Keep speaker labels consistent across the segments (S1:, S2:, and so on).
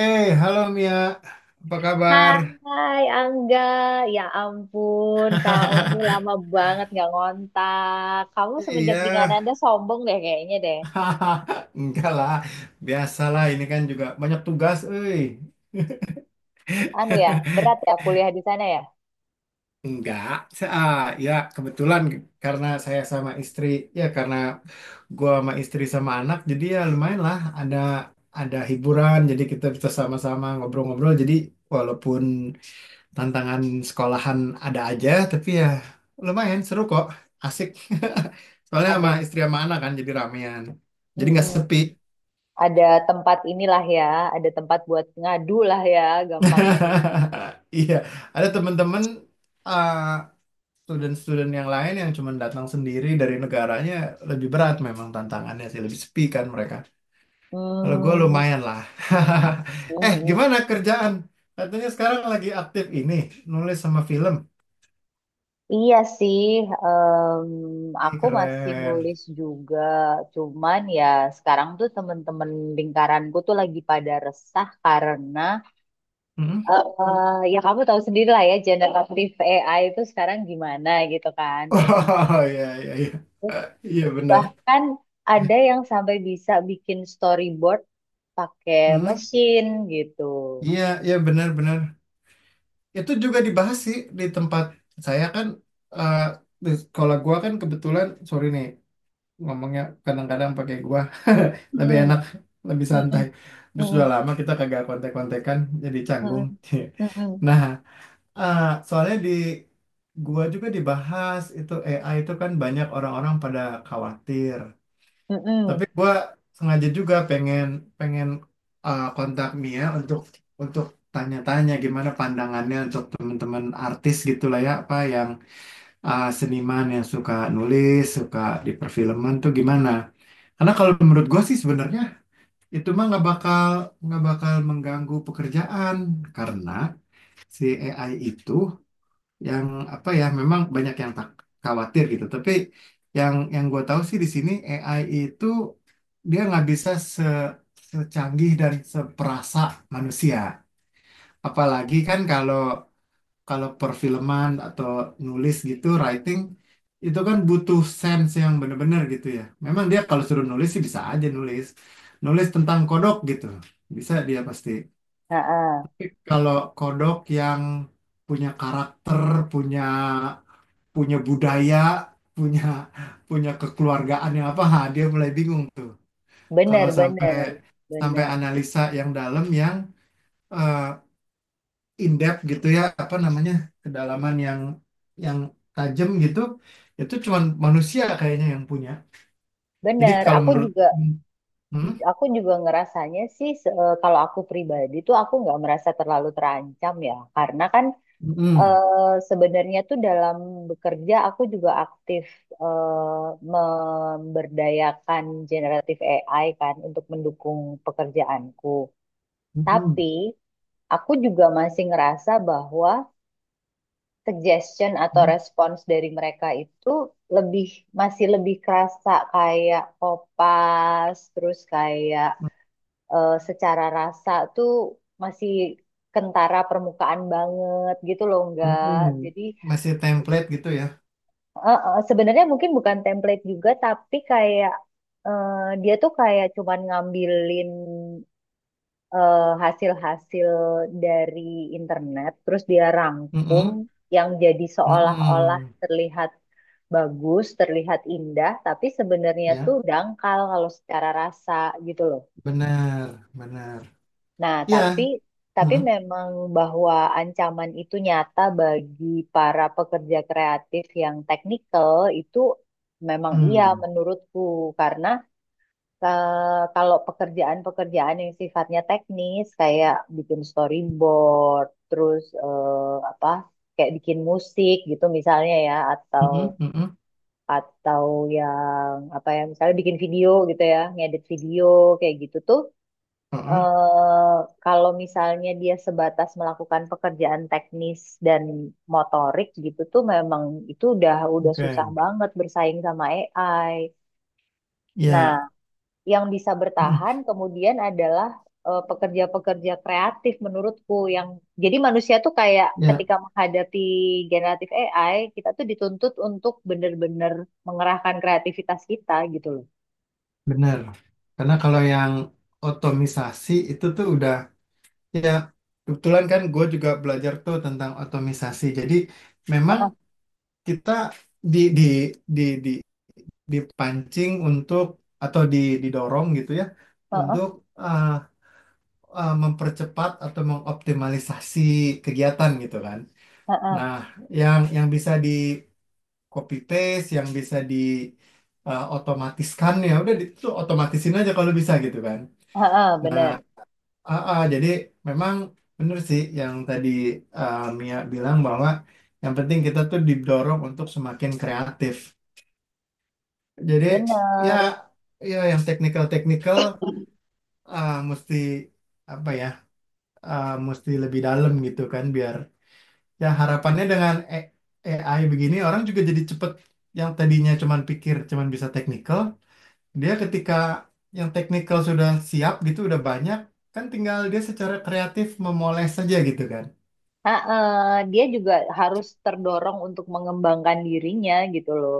S1: Halo Mia, apa kabar?
S2: Hai Angga, ya ampun kamu lama banget nggak ngontak. Kamu semenjak
S1: Iya,
S2: di Kanada sombong deh kayaknya deh.
S1: enggak lah, biasalah ini kan juga banyak tugas.
S2: Anu ya, berat ya kuliah di sana ya.
S1: Enggak, sa- ah, ya kebetulan karena saya sama istri, ya karena gua sama istri sama anak, jadi ya lumayan lah ada hiburan, jadi kita bisa sama-sama ngobrol-ngobrol, jadi walaupun tantangan sekolahan ada aja tapi ya lumayan seru kok, asik. Soalnya
S2: Ada,
S1: sama istri sama anak kan jadi ramean, jadi nggak
S2: mm-mm,
S1: sepi.
S2: ada tempat inilah ya, ada tempat buat ngadu lah ya, gampangnya, ya.
S1: Iya, ada temen-temen eh, student-student yang lain yang cuma datang sendiri dari negaranya, lebih berat memang tantangannya sih, lebih sepi kan mereka. Kalau gue
S2: Hmm,
S1: lumayan lah. eh
S2: mm-mm.
S1: gimana kerjaan, katanya sekarang lagi aktif ini nulis sama film?
S2: Iya sih,
S1: Ih,
S2: aku masih
S1: keren.
S2: nulis juga. Cuman ya sekarang tuh temen-temen lingkaranku tuh lagi pada resah karena ya kamu tahu sendiri lah ya generatif AI itu sekarang gimana gitu kan berkembang.
S1: Oh, iya, iya, iya.
S2: Terus
S1: Eh, Iya, benar.
S2: Bahkan ada yang sampai bisa bikin storyboard pakai
S1: Hmm.
S2: mesin gitu.
S1: Iya, iya, benar-benar. Itu juga dibahas sih di tempat saya kan, eh, di sekolah gua kan kebetulan, sorry nih ngomongnya kadang-kadang pakai gua, lebih
S2: Mm-mm,
S1: enak, lebih santai.
S2: mm-mm,
S1: Terus sudah
S2: mm-mm,
S1: lama kita kagak kontek-kontekan, jadi canggung.
S2: mm-mm, mm-mm,
S1: Nah, eh, soalnya di gua juga dibahas itu, AI itu kan banyak orang-orang pada khawatir. Tapi
S2: mm-mm.
S1: gue sengaja juga pengen pengen kontak Mia untuk tanya-tanya gimana pandangannya untuk teman-teman artis gitulah ya, apa yang seniman yang suka nulis, suka di perfilman tuh gimana? Karena kalau menurut gue sih sebenarnya itu mah nggak bakal mengganggu pekerjaan karena si AI itu yang apa ya, memang banyak yang tak khawatir gitu tapi yang gue tahu sih di sini AI itu dia nggak bisa secanggih dan seperasa manusia, apalagi kan kalau kalau perfilman atau nulis gitu, writing itu kan butuh sense yang bener-bener gitu ya. Memang dia kalau suruh nulis sih bisa aja nulis, nulis tentang kodok gitu bisa dia pasti.
S2: Heeh.
S1: Kalau kodok yang punya karakter, punya punya budaya, punya punya kekeluargaan yang apa, ha, dia mulai bingung tuh. Kalau
S2: Bener,
S1: sampai
S2: bener,
S1: sampai
S2: bener,
S1: analisa yang dalam yang eh, in depth gitu ya, apa namanya? Kedalaman yang tajam gitu, itu cuman manusia kayaknya yang punya. Jadi
S2: bener.
S1: kalau menurut. Hmm?
S2: Aku juga ngerasanya sih kalau aku pribadi tuh aku nggak merasa terlalu terancam ya, karena kan
S1: Mm-mm.
S2: sebenarnya tuh dalam bekerja aku juga aktif eh, memberdayakan generatif AI kan untuk mendukung pekerjaanku. Tapi
S1: Mm-mm.
S2: aku juga masih ngerasa bahwa suggestion atau respons dari mereka itu lebih masih lebih kerasa kayak kopas, terus kayak secara rasa tuh masih kentara permukaan banget gitu loh enggak.
S1: Mm-mm.
S2: Jadi
S1: Masih template gitu ya.
S2: sebenarnya mungkin bukan template juga, tapi kayak eh, dia tuh kayak cuman ngambilin hasil-hasil dari internet, terus dia rangkum
S1: Mm-mm.
S2: yang jadi seolah-olah
S1: Mm-mm.
S2: terlihat bagus, terlihat indah, tapi sebenarnya tuh
S1: Ya,
S2: dangkal kalau secara rasa gitu loh.
S1: benar, benar.
S2: Nah, tapi
S1: Ya.
S2: tapi
S1: Hmm.
S2: memang bahwa ancaman itu nyata bagi para pekerja kreatif yang teknikal itu memang iya
S1: Hmm.
S2: menurutku karena kalau pekerjaan-pekerjaan yang sifatnya teknis kayak bikin storyboard, terus apa kayak bikin musik gitu misalnya ya, atau
S1: Mhm, mhm,
S2: atau yang apa ya misalnya bikin video gitu ya, ngedit video kayak gitu tuh
S1: mhm.
S2: eh kalau misalnya dia sebatas melakukan pekerjaan teknis dan motorik gitu tuh memang itu udah susah
S1: Oke.
S2: banget bersaing sama AI. Nah,
S1: Ya.
S2: yang bisa
S1: Mhm.
S2: bertahan kemudian adalah pekerja-pekerja kreatif menurutku yang jadi manusia tuh kayak
S1: Ya,
S2: ketika menghadapi generatif AI, kita tuh dituntut untuk bener-bener mengerahkan kreativitas kita gitu loh.
S1: benar. Karena kalau yang otomisasi itu tuh udah, ya kebetulan kan gue juga belajar tuh tentang otomisasi. Jadi memang
S2: Heeh,
S1: kita di di di dipancing untuk, atau didorong gitu ya
S2: heeh,
S1: untuk ah, mempercepat atau mengoptimalisasi kegiatan gitu kan.
S2: heeh,
S1: Nah, yang bisa di copy paste, yang bisa di otomatiskan ya udah, itu otomatisin aja kalau bisa gitu kan.
S2: heeh,
S1: Nah,
S2: bener,
S1: jadi memang bener sih yang tadi Mia bilang bahwa yang penting kita tuh didorong untuk semakin kreatif. Jadi ya,
S2: bener.
S1: ya yang teknikal-teknikal, mesti apa ya, mesti lebih dalam gitu kan, biar ya harapannya dengan AI begini orang juga jadi cepet, yang tadinya cuman pikir cuman bisa teknikal, dia ketika yang teknikal sudah siap gitu udah banyak kan, tinggal dia secara kreatif memoles saja gitu kan.
S2: Dia juga harus terdorong untuk mengembangkan dirinya gitu loh.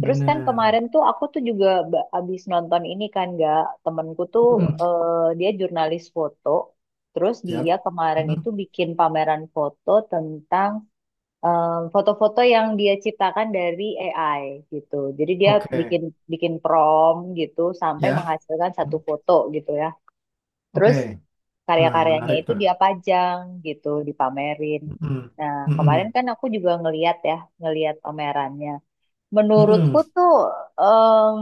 S2: Terus kan
S1: Benar.
S2: kemarin tuh aku tuh juga abis nonton ini kan gak temenku tuh
S1: Mm.
S2: dia jurnalis foto. Terus
S1: Siap.
S2: dia kemarin
S1: Mm.
S2: itu bikin pameran foto tentang em, foto-foto yang dia ciptakan dari AI gitu. Jadi dia
S1: Oke.
S2: bikin bikin prompt gitu sampai
S1: Ya.
S2: menghasilkan satu
S1: Mm.
S2: foto gitu ya.
S1: Oke.
S2: Terus
S1: Nah,
S2: karya-karyanya
S1: menarik
S2: itu
S1: tuh.
S2: dia pajang gitu, dipamerin.
S1: Mm.
S2: Nah,
S1: Mm-mm.
S2: kemarin kan aku juga ngeliat ya, ngeliat omerannya. Menurutku
S1: Mm-mm.
S2: tuh em,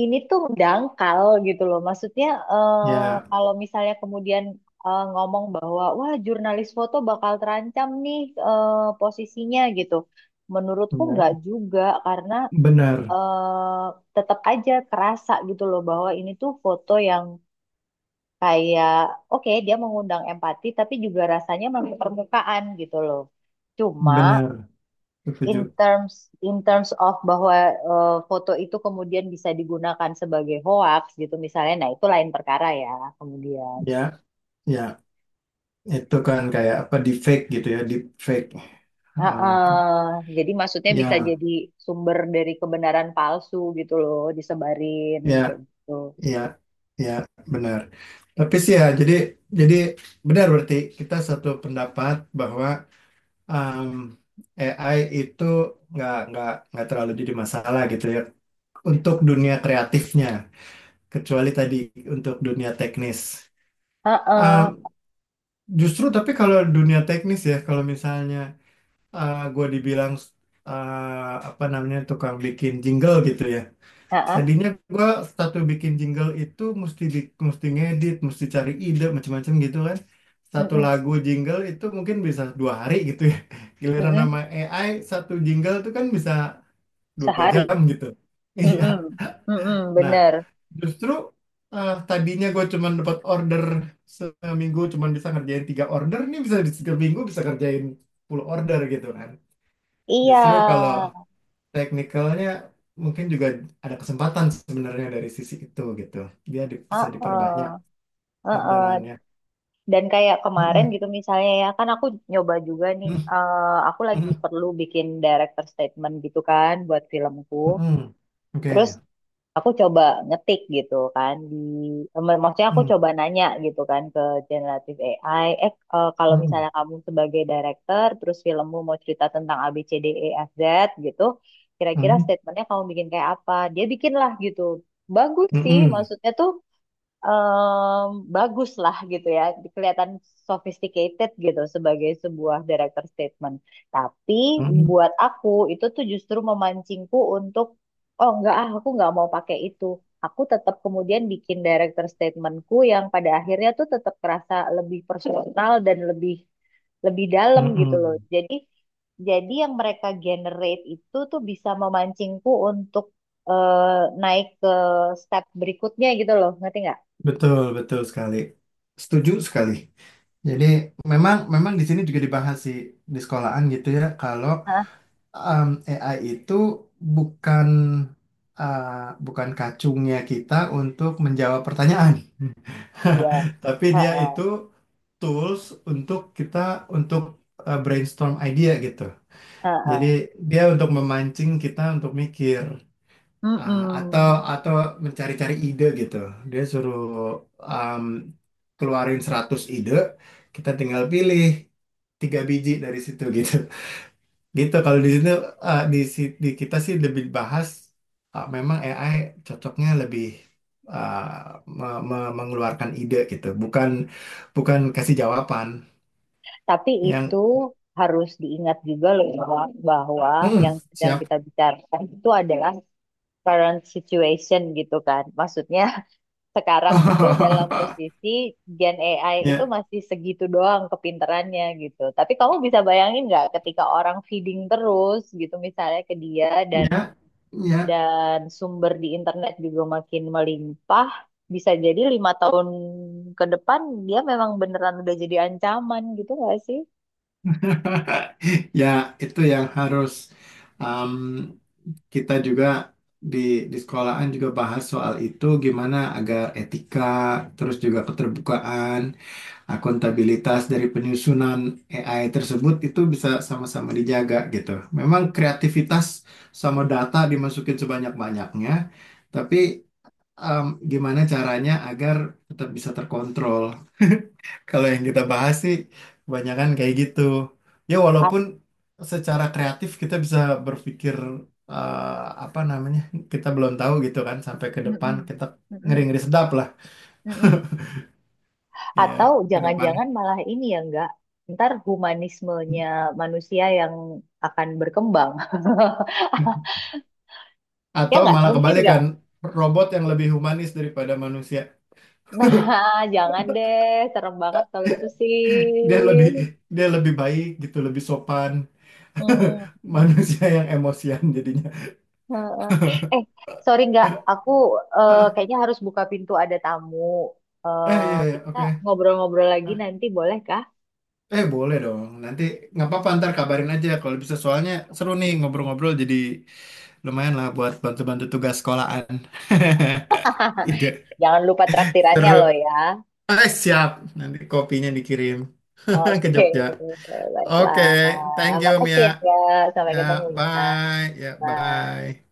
S2: ini tuh dangkal gitu loh. Maksudnya
S1: Ya,
S2: kalau misalnya kemudian ngomong bahwa wah jurnalis foto bakal terancam nih eh, posisinya gitu. Menurutku
S1: ya.
S2: nggak juga karena
S1: Benar
S2: eh, tetap aja kerasa gitu loh bahwa ini tuh foto yang kayak oke dia mengundang empati tapi juga rasanya masih permukaan gitu loh. Cuma
S1: benar
S2: in
S1: setuju
S2: terms in terms of bahwa foto itu kemudian bisa digunakan sebagai hoax gitu misalnya, nah itu lain perkara ya kemudian.
S1: ya, ya, itu kan kayak apa, deepfake gitu ya, deepfake. Oh,
S2: Heeh. Jadi maksudnya bisa
S1: ya,
S2: jadi sumber dari kebenaran palsu gitu loh disebarin
S1: ya.
S2: kayak gitu.
S1: Iya, iya, benar. Tapi sih ya, jadi benar berarti kita satu pendapat bahwa um, AI itu nggak terlalu jadi masalah gitu ya untuk dunia kreatifnya, kecuali tadi untuk dunia teknis.
S2: Heeh.
S1: Um, justru tapi kalau dunia teknis ya, kalau misalnya gue dibilang, apa namanya, tukang bikin jingle gitu ya.
S2: Heeh.
S1: Tadinya gue satu bikin jingle itu mesti mesti ngedit, mesti cari ide macam-macam gitu kan. Satu
S2: Mm-mm.
S1: lagu jingle itu mungkin bisa 2 hari gitu ya. Giliran nama
S2: Mm-mm.
S1: AI satu jingle itu kan bisa dua
S2: Sehari.
S1: jam gitu. Iya.
S2: Mm-mm. Mm-mm.
S1: Nah,
S2: Bener.
S1: justru tadinya gue cuman dapat order seminggu cuman bisa ngerjain tiga order, nih bisa di seminggu bisa kerjain 10 order gitu kan.
S2: Iya.
S1: Justru kalau teknikalnya mungkin juga ada kesempatan sebenarnya dari sisi itu gitu. Dia bisa diperbanyak
S2: Heeh. Heeh.
S1: orderannya.
S2: Dan kayak kemarin
S1: Mm-mm,
S2: gitu misalnya ya kan aku nyoba juga nih,
S1: mm,
S2: aku lagi
S1: mm,
S2: perlu bikin director statement gitu kan buat filmku,
S1: mm. Oke.
S2: terus aku coba ngetik gitu kan di maksudnya aku
S1: Mm,
S2: coba nanya gitu kan ke generative AI, kalau
S1: mm.
S2: misalnya kamu sebagai director terus filmmu mau cerita tentang A B C D E F Z gitu, kira-kira
S1: Oke.
S2: statementnya kamu bikin kayak apa, dia bikin lah gitu. Bagus
S1: Mm, mm-mm,
S2: sih,
S1: mm, mm-mm,
S2: maksudnya tuh em, bagus lah gitu ya, kelihatan sophisticated gitu sebagai sebuah director statement. Tapi
S1: mm,
S2: buat aku itu tuh justru memancingku untuk, oh enggak ah, aku nggak mau pakai itu. Aku tetap kemudian bikin director statementku yang pada akhirnya tuh tetap kerasa lebih personal dan lebih lebih dalam gitu loh.
S1: mm.
S2: Jadi yang mereka generate itu tuh bisa memancingku untuk eh, naik ke step berikutnya gitu loh, ngerti nggak?
S1: Betul, betul sekali. Setuju sekali. Jadi memang memang di sini juga dibahas sih di sekolahan gitu ya kalau,
S2: Hah?
S1: um, AI itu bukan, uh, bukan kacungnya kita untuk menjawab pertanyaan.
S2: Yes.
S1: Tapi dia
S2: Heeh,
S1: itu tools untuk kita, untuk brainstorm idea gitu. Jadi
S2: heeh.
S1: dia untuk memancing kita untuk mikir, ah, atau
S2: Mm-mm.
S1: atau mencari-cari ide gitu. Dia suruh um, keluarin 100 ide, kita tinggal pilih tiga biji dari situ gitu. Gitu kalau di sini, di kita sih lebih bahas, memang AI cocoknya lebih, eh, mengeluarkan ide gitu, bukan bukan kasih jawaban
S2: Tapi itu
S1: yang
S2: harus diingat juga loh bahwa, bahwa
S1: "Mm,
S2: yang sedang
S1: siap.
S2: kita bicarakan itu adalah current situation gitu kan. Maksudnya sekarang itu dalam posisi Gen AI itu
S1: Ya,
S2: masih segitu doang kepinterannya gitu. Tapi kamu bisa bayangin nggak ketika orang feeding terus gitu misalnya ke dia, dan
S1: ya, ya.
S2: sumber di internet juga makin melimpah, bisa jadi 5 tahun ke depan dia memang beneran udah jadi ancaman gitu nggak sih?
S1: Ya, itu yang harus, um, kita juga di di sekolahan juga bahas soal itu gimana agar etika, terus juga keterbukaan akuntabilitas dari penyusunan AI tersebut itu bisa sama-sama dijaga gitu. Memang kreativitas sama data dimasukin sebanyak-banyaknya, tapi em, gimana caranya agar tetap bisa terkontrol? Kalau yang kita bahas sih kebanyakan kayak gitu. Ya
S2: A-
S1: walaupun secara kreatif kita bisa berpikir, eh, apa namanya? Kita belum tahu gitu kan sampai ke depan
S2: Mm-mm.
S1: kita,
S2: Mm-mm.
S1: ngeri-ngeri sedap lah
S2: Mm-mm.
S1: ya
S2: Atau
S1: ke depannya.
S2: jangan-jangan malah ini ya enggak, ntar humanismenya manusia yang akan berkembang. Ya
S1: Atau
S2: nggak?
S1: malah
S2: Mungkin nggak?
S1: kebalikan, robot yang lebih humanis daripada manusia.
S2: Nah, jangan deh, serem banget kalau itu sih.
S1: Dia lebih baik gitu, lebih sopan.
S2: Hmm. Hmm.
S1: Manusia yang emosian jadinya.
S2: Heeh. Eh, sorry nggak, aku
S1: Ah,
S2: kayaknya harus buka pintu ada tamu.
S1: iya, iya,
S2: Kita
S1: oke.
S2: ngobrol-ngobrol lagi
S1: Ah,
S2: nanti boleh kah?
S1: boleh dong. Nanti nggak apa-apa, ntar kabarin aja kalau bisa, soalnya seru nih ngobrol-ngobrol, jadi lumayan lah buat bantu-bantu tugas sekolahan. Ide
S2: Jangan lupa traktirannya
S1: seru.
S2: loh ya.
S1: Ah, siap. Nanti kopinya dikirim ke
S2: Oke,
S1: Jogja. Oke,
S2: baiklah.
S1: thank you
S2: Makasih
S1: Mia.
S2: ya, Kak. Sampai
S1: Ya,
S2: ketemu ya.
S1: bye. Ya,
S2: Bye.
S1: bye.